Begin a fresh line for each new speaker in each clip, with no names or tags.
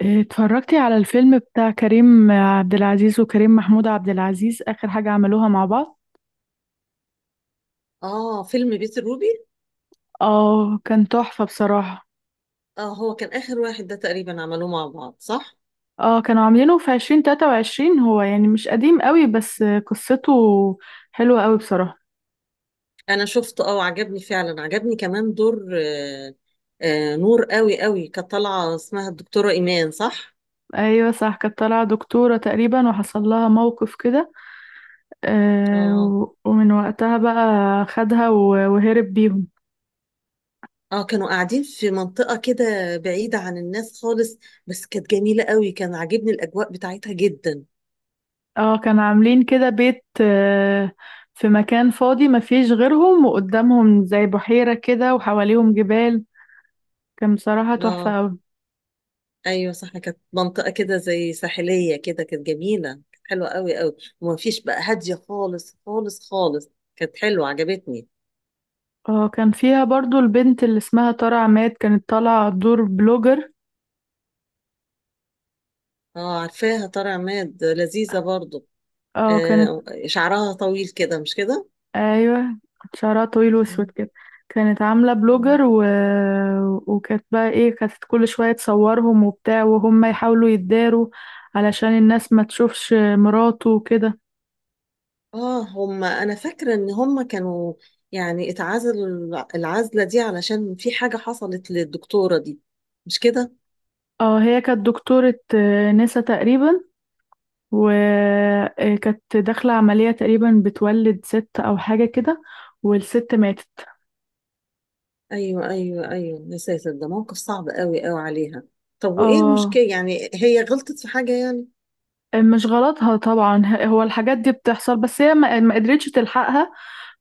اتفرجتي على الفيلم بتاع كريم عبد العزيز وكريم محمود عبد العزيز آخر حاجة عملوها مع بعض؟
اه فيلم بيت الروبي.
اه كان تحفة بصراحة.
اه هو كان آخر واحد ده تقريبا عملوه مع بعض، صح؟
اه كانوا عاملينه في 2023، هو يعني مش قديم قوي، بس قصته حلوة قوي بصراحة.
أنا شفته اه، وعجبني فعلا، عجبني كمان دور نور قوي قوي كانت طالعة، اسمها الدكتورة إيمان، صح؟
ايوه صح، كانت طالعة دكتورة تقريبا وحصل لها موقف كده.
اه،
آه ومن وقتها بقى خدها وهرب بيهم.
اه، كانوا قاعدين في منطقة كده بعيدة عن الناس خالص، بس كانت جميلة قوي، كان عاجبني الأجواء بتاعتها جدا.
اه كانوا عاملين كده بيت، في مكان فاضي ما فيش غيرهم، وقدامهم زي بحيرة كده وحواليهم جبال. كان بصراحة
اه،
تحفة أوي.
ايوه صح، كانت منطقة كده زي ساحلية كده، كانت جميلة، كانت حلوة قوي قوي، وما فيش بقى، هادية خالص خالص خالص، كانت حلوة، عجبتني.
اه كان فيها برضو البنت اللي اسمها ترى عماد، كانت طالعة دور بلوجر.
اه، عارفاها طارق عماد، لذيذة برضو.
اه كانت.
آه، شعرها طويل كده، مش كده؟
ايوه، كانت شعرها طويل واسود
مم.
كده. كانت عاملة
مم.
بلوجر وكانت بقى ايه، كانت كل شوية تصورهم وبتاع، وهم يحاولوا يتداروا علشان الناس ما تشوفش مراته وكده.
اه، هم، انا فاكرة ان هم كانوا يعني اتعزلوا العزلة دي علشان في حاجة حصلت للدكتورة دي، مش كده؟
اه هي كانت دكتورة، نسا تقريبا، وكانت داخلة عملية تقريبا بتولد ست أو حاجة كده، والست ماتت.
ايوه ايوه ايوه، يا ساتر، ده موقف صعب قوي قوي عليها. طب وايه
اه
المشكلة يعني، هي غلطت في حاجة يعني؟
مش غلطها طبعا، هو الحاجات دي بتحصل، بس هي ما قدرتش تلحقها.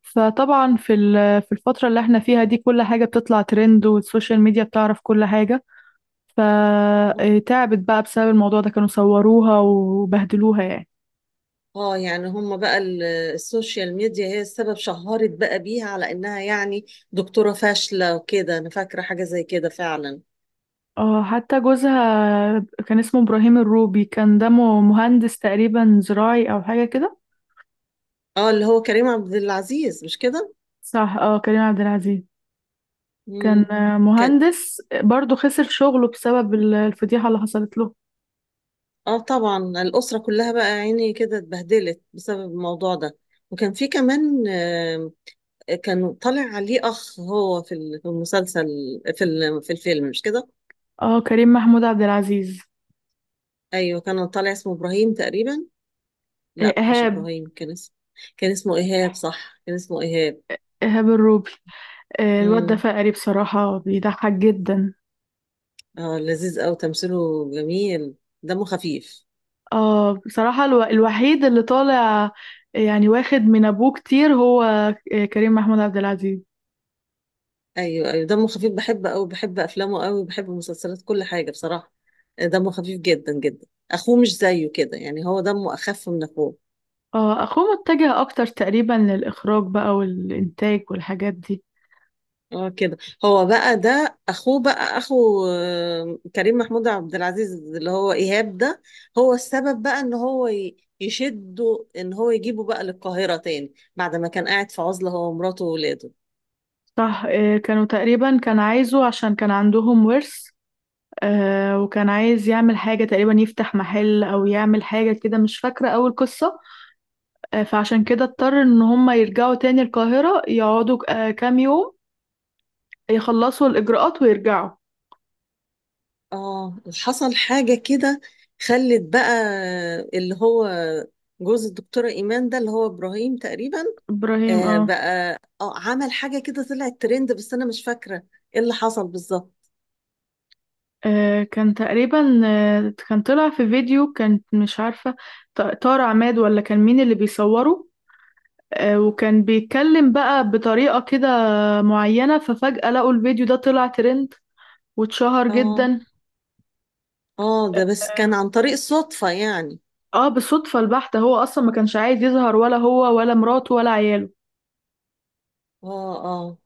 فطبعا في الفترة اللي احنا فيها دي، كل حاجة بتطلع ترند، والسوشيال ميديا بتعرف كل حاجة. فتعبت بقى بسبب الموضوع ده، كانوا صوروها وبهدلوها يعني.
اه، يعني هم بقى السوشيال ميديا هي السبب، شهرت بقى بيها على انها يعني دكتورة فاشلة وكده، انا فاكرة حاجة زي كده فعلا.
اه حتى جوزها كان اسمه إبراهيم الروبي، كان دمه مهندس تقريبا زراعي أو حاجة كده.
اه، اللي هو كريم عبد العزيز، مش كده؟
صح اه كريم عبد العزيز. كان،
امم. كان.
مهندس برضه، خسر شغله بسبب الفضيحة اللي حصلت له.
اه، طبعا الأسرة كلها بقى عيني كده اتبهدلت بسبب الموضوع ده، وكان في كمان كان طالع عليه اخ هو في المسلسل، في الفيلم، مش كده؟
اه كريم محمود عبد العزيز.
ايوه كان طالع اسمه ابراهيم تقريبا. لا مش
إيهاب.
ابراهيم، كان اسمه. كان اسمه ايهاب، صح، كان اسمه ايهاب.
إيهاب الروبي. الواد ده
امم.
فقري بصراحة، بيضحك جدا.
اه، لذيذ قوي، تمثيله جميل، دمه خفيف.
اه بصراحة الوحيد اللي طالع يعني واخد من أبوه كتير هو، كريم محمود عبد العزيز.
ايوه ايوه، دمه خفيف، بحب قوي، بحب افلامه قوي، بحب مسلسلات، كل حاجه بصراحه. دمه خفيف جدا جدا، اخوه مش زيه كده يعني، هو دمه اخف من اخوه.
اه أخوه متجه أكتر تقريبا للإخراج بقى والإنتاج والحاجات دي.
اه، كده. هو بقى ده اخوه، بقى اخو كريم محمود عبد العزيز، اللي هو ايهاب ده، هو السبب بقى ان هو يشده ان هو يجيبه بقى للقاهره تاني، بعد ما كان قاعد في عزله هو ومراته واولاده.
صح، كانوا تقريبا كان عايزه عشان كان عندهم ورث. آه وكان عايز يعمل حاجة تقريبا، يفتح محل أو يعمل حاجة كده، مش فاكرة أول قصة. آه فعشان كده اضطر إن هما يرجعوا تاني القاهرة، يقعدوا كام يوم يخلصوا الإجراءات ويرجعوا.
اه، حصل حاجة كده، خلت بقى، اللي هو جوز الدكتورة إيمان ده، اللي هو إبراهيم تقريبا،
إبراهيم اه.
بقى عمل حاجة كده طلعت ترند، بس أنا مش فاكرة إيه اللي حصل بالظبط.
كان تقريبا، كان طلع في فيديو، كان مش عارفة طارق عماد ولا كان مين اللي بيصوره. وكان بيتكلم بقى بطريقة كده معينة، ففجأة لقوا الفيديو ده طلع ترند واتشهر
اه
جدا.
اه، ده بس كان
آه.
عن طريق الصدفة يعني.
اه بالصدفة البحتة، هو اصلا ما كانش عايز يظهر ولا هو ولا مراته ولا عياله.
اه اه،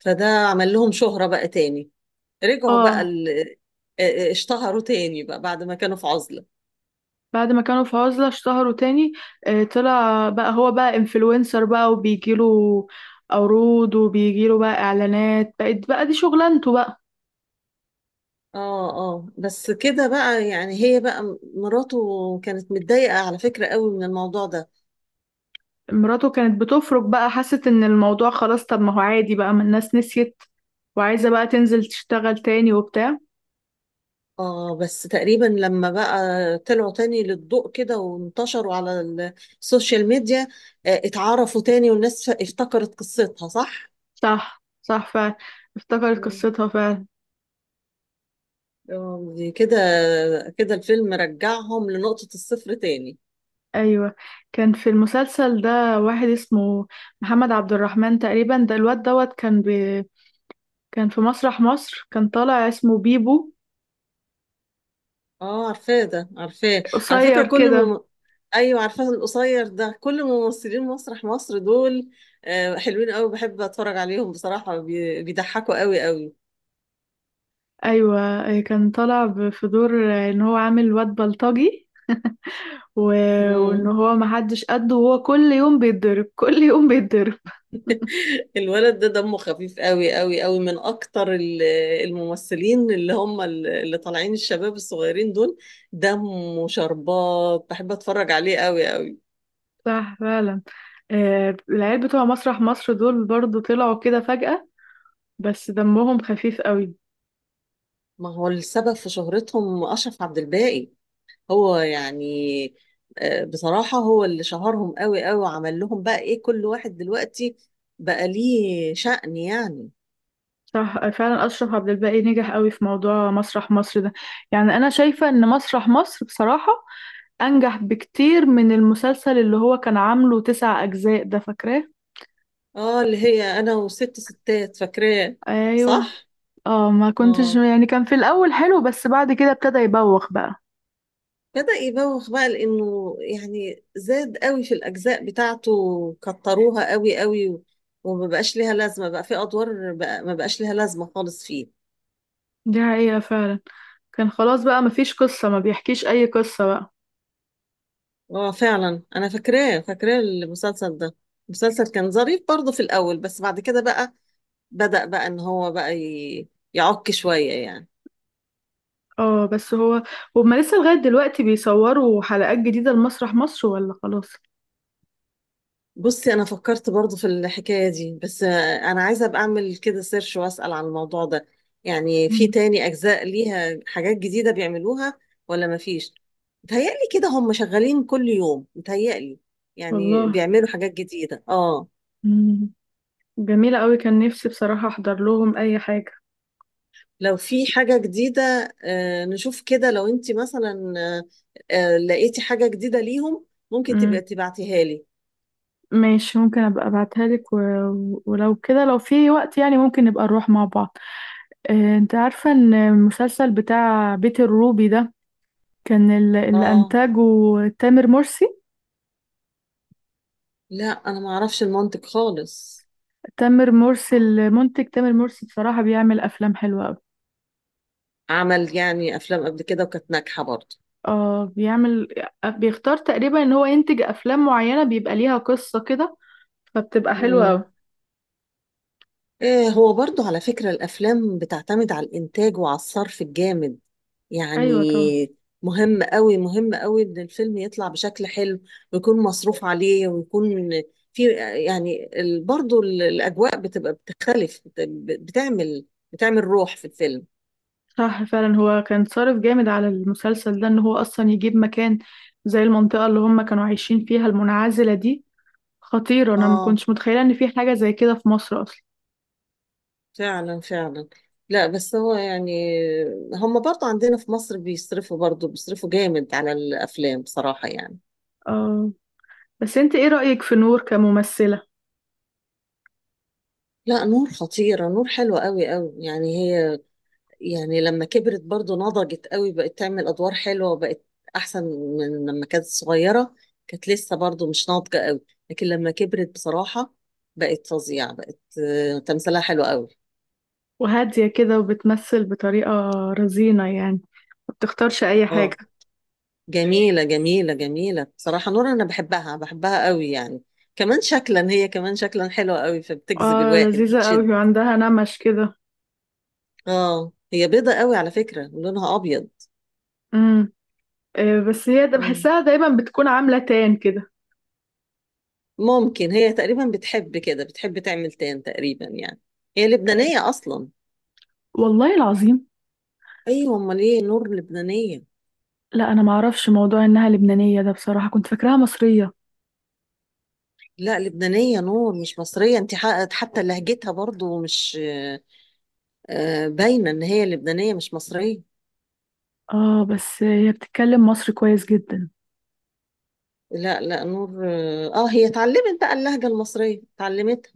فده عمل لهم شهرة بقى تاني، رجعوا بقى
اه
آه، اشتهروا تاني بقى بعد ما كانوا في عزلة.
بعد ما كانوا في عزلة اشتهروا تاني. آه طلع بقى هو بقى انفلونسر بقى، وبيجيله عروض، وبيجيله بقى اعلانات، بقت بقى دي شغلانته بقى.
اه اه، بس كده بقى يعني، هي بقى مراته كانت متضايقة على فكرة قوي من الموضوع ده.
مراته كانت بتفرج بقى، حست ان الموضوع خلاص، طب ما هو عادي بقى، ما الناس نسيت، وعايزة بقى تنزل تشتغل تاني وبتاع.
اه، بس تقريبا لما بقى طلعوا تاني للضوء كده وانتشروا على السوشيال ميديا، آه اتعرفوا تاني، والناس افتكرت قصتها، صح؟
صح، صح، فعلا، افتكرت
مم.
قصتها فعلا.
دي كده، كده الفيلم رجعهم لنقطة الصفر تاني.
ايوه كان في المسلسل ده واحد اسمه محمد عبد الرحمن تقريبا، ده الواد دوت كان كان في مسرح مصر، كان طالع اسمه بيبو،
اه، عارفاه ده، عارفاه. على فكرة
قصير كده.
ايوه عارفاه، القصير ده، كل ممثلين مسرح مصر دول حلوين قوي، بحب اتفرج عليهم بصراحة، بيضحكوا قوي قوي.
ايوه كان طالع في دور ان هو عامل واد بلطجي و... وان
مم.
هو محدش قده، وهو كل يوم بيتضرب، كل يوم بيتضرب.
الولد ده دمه خفيف قوي قوي قوي، من اكتر الممثلين، اللي هم اللي طالعين، الشباب الصغيرين دول، دمه شربات، بحب اتفرج عليه قوي قوي.
صح فعلا.
مم.
العيال بتوع مسرح مصر دول برضو طلعوا كده فجأة، بس دمهم خفيف قوي.
ما هو السبب في شهرتهم اشرف عبد الباقي، هو يعني بصراحة هو اللي شهرهم قوي قوي، وعمل لهم بقى ايه، كل واحد دلوقتي بقى ليه شأن يعني.
صح فعلا، أشرف عبد الباقي نجح قوي في موضوع مسرح مصر ده، يعني أنا شايفة إن مسرح مصر بصراحة أنجح بكتير من المسلسل اللي هو كان عامله تسع أجزاء، ده فاكراه؟
اه، اللي هي انا وست ستات، فاكراه،
أيوه.
صح.
اه ما كنتش
اه،
يعني، كان في الأول حلو بس بعد كده ابتدى يبوخ بقى.
بدأ يبوخ بقى، لانه يعني زاد قوي في الاجزاء بتاعته، كتروها قوي قوي وما بقاش ليها لازمة بقى في ادوار بقى، ما بقاش ليها لازمة خالص فيه.
دي حقيقة فعلا، كان خلاص بقى مفيش قصة، ما بيحكيش أي قصة بقى.
اه فعلا، انا فاكراه فاكراه المسلسل ده، المسلسل كان ظريف برضه في الاول، بس بعد كده بقى بدأ بقى ان هو بقى يعك شوية يعني.
اه بس هو، هما لسه لغاية دلوقتي بيصوروا حلقات جديدة لمسرح مصر ولا خلاص؟
بصي، انا فكرت برضو في الحكاية دي، بس انا عايزة ابقى اعمل كده سيرش واسأل عن الموضوع ده، يعني في
مم.
تاني اجزاء ليها حاجات جديدة بيعملوها ولا مفيش. متهيألي كده هم شغالين كل يوم، متهيألي يعني
والله.
بيعملوا حاجات جديدة اه.
مم. جميلة قوي، كان نفسي بصراحة احضر لهم اي حاجة.
لو في حاجة جديدة، نشوف كده، لو انت مثلا لقيتي حاجة جديدة ليهم ممكن تبقى
امم.
تبعتيها لي.
ماشي، ممكن ابقى ابعتها لك ولو كده، لو في وقت يعني ممكن نبقى نروح مع بعض. انت عارفة ان المسلسل بتاع بيت الروبي ده كان اللي
اه،
انتاجه تامر مرسي.
لا انا ما اعرفش المنطق خالص.
تامر مرسي المنتج، تامر مرسي بصراحة بيعمل افلام حلوة قوي.
عمل يعني افلام قبل كده وكانت ناجحه برضه.
اه بيعمل، بيختار تقريبا ان هو ينتج افلام معينة بيبقى ليها قصة كده، فبتبقى حلوة
امم.
قوي.
إيه، هو برضه على فكره الافلام بتعتمد على الانتاج وعلى الصرف الجامد يعني،
ايوه طبعا.
مهم قوي مهم قوي ان الفيلم يطلع بشكل حلو، ويكون مصروف عليه، ويكون في يعني برضه الاجواء بتبقى بتختلف، بتعمل، بتعمل روح في الفيلم.
صح فعلا، هو كان صارف جامد على المسلسل ده ان هو اصلا يجيب مكان زي المنطقة اللي هم كانوا عايشين فيها المنعزلة دي، خطيرة، انا ما
اه
كنتش متخيلة ان في حاجة زي كده في مصر اصلا.
فعلا فعلا. لا بس هو يعني، هم برضه عندنا في مصر بيصرفوا، برضه بيصرفوا جامد على الأفلام بصراحة يعني.
آه. بس انت ايه رأيك في نور كممثلة؟
لا نور خطيرة، نور حلوة قوي قوي يعني، هي يعني لما كبرت برضه نضجت قوي، بقت تعمل أدوار حلوة، وبقت أحسن من لما كانت صغيرة، كانت لسه برضه مش ناضجة قوي، لكن لما كبرت بصراحة بقت فظيعة، بقت تمثيلها حلو قوي.
وهادية كده وبتمثل بطريقة رزينة يعني، ما بتختارش اي حاجة.
اه، جميلة جميلة جميلة بصراحة، نور أنا بحبها بحبها قوي يعني، كمان شكلا، هي كمان شكلا حلوة قوي، فبتجذب
اه
الواحد،
لذيذة قوي،
بتشد.
وعندها نمش كده.
اه، هي بيضة قوي على فكرة، لونها أبيض.
امم. بس هي ده
مم.
بحسها دايما بتكون عاملة تان كده.
ممكن هي تقريبا بتحب كده، بتحب تعمل تان تقريبا يعني، هي لبنانية أصلا.
والله العظيم.
أيوة، أمال إيه، نور لبنانية.
لا انا ما اعرفش موضوع انها لبنانية ده، بصراحة كنت فاكراها مصرية.
لا لبنانية، نور مش مصرية، أنت حققت حتى لهجتها برضو، مش باينة إن هي لبنانية مش مصرية.
اه بس هي بتتكلم مصري كويس جدا.
لا لا، نور اه، هي اتعلمت بقى اللهجة المصرية، اتعلمتها.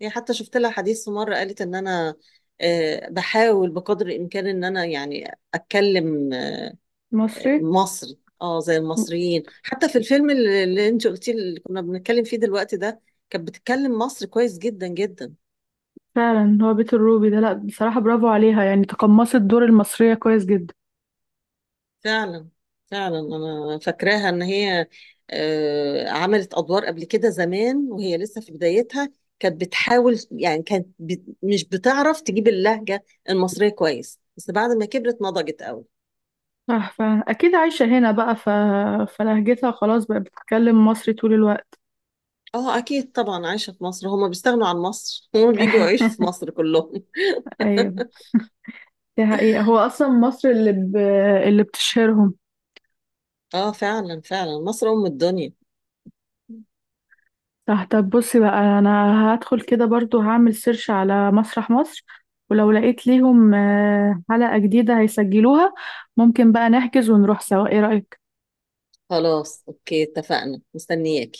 هي حتى شفت لها حديث في مرة، قالت ان انا بحاول بقدر الامكان ان انا يعني اتكلم
مصري.
مصري. اه، زي المصريين، حتى في الفيلم اللي انت قلتيه، اللي كنا بنتكلم فيه دلوقتي ده، كانت بتتكلم مصري كويس جدا جدا.
فعلا، هو بيت الروبي ده، لا بصراحة برافو عليها، يعني تقمصت دور المصرية كويس جدا.
فعلا فعلا، انا فاكراها ان هي عملت ادوار قبل كده زمان، وهي لسه في بدايتها، كانت بتحاول يعني، كانت مش بتعرف تجيب اللهجة المصرية كويس، بس بعد ما كبرت نضجت قوي.
صح فعلا، اكيد عايشة هنا بقى، فلهجتها خلاص بقى بتتكلم مصري طول الوقت.
اه اكيد طبعا، عايشة في مصر، هما بيستغنوا عن مصر هما بيجوا يعيشوا في مصر كلهم.
ايوه، دي حقيقة، هو اصلا مصر اللي بتشهرهم.
اه فعلا فعلا، مصر ام الدنيا.
صح، طب بصي بقى، انا هدخل كده برضو، هعمل سيرش على مسرح مصر، ولو لقيت ليهم حلقة جديدة هيسجلوها، ممكن بقى نحجز ونروح سوا، ايه رأيك؟
خلاص اوكي اتفقنا، مستنياك.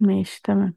ماشي تمام.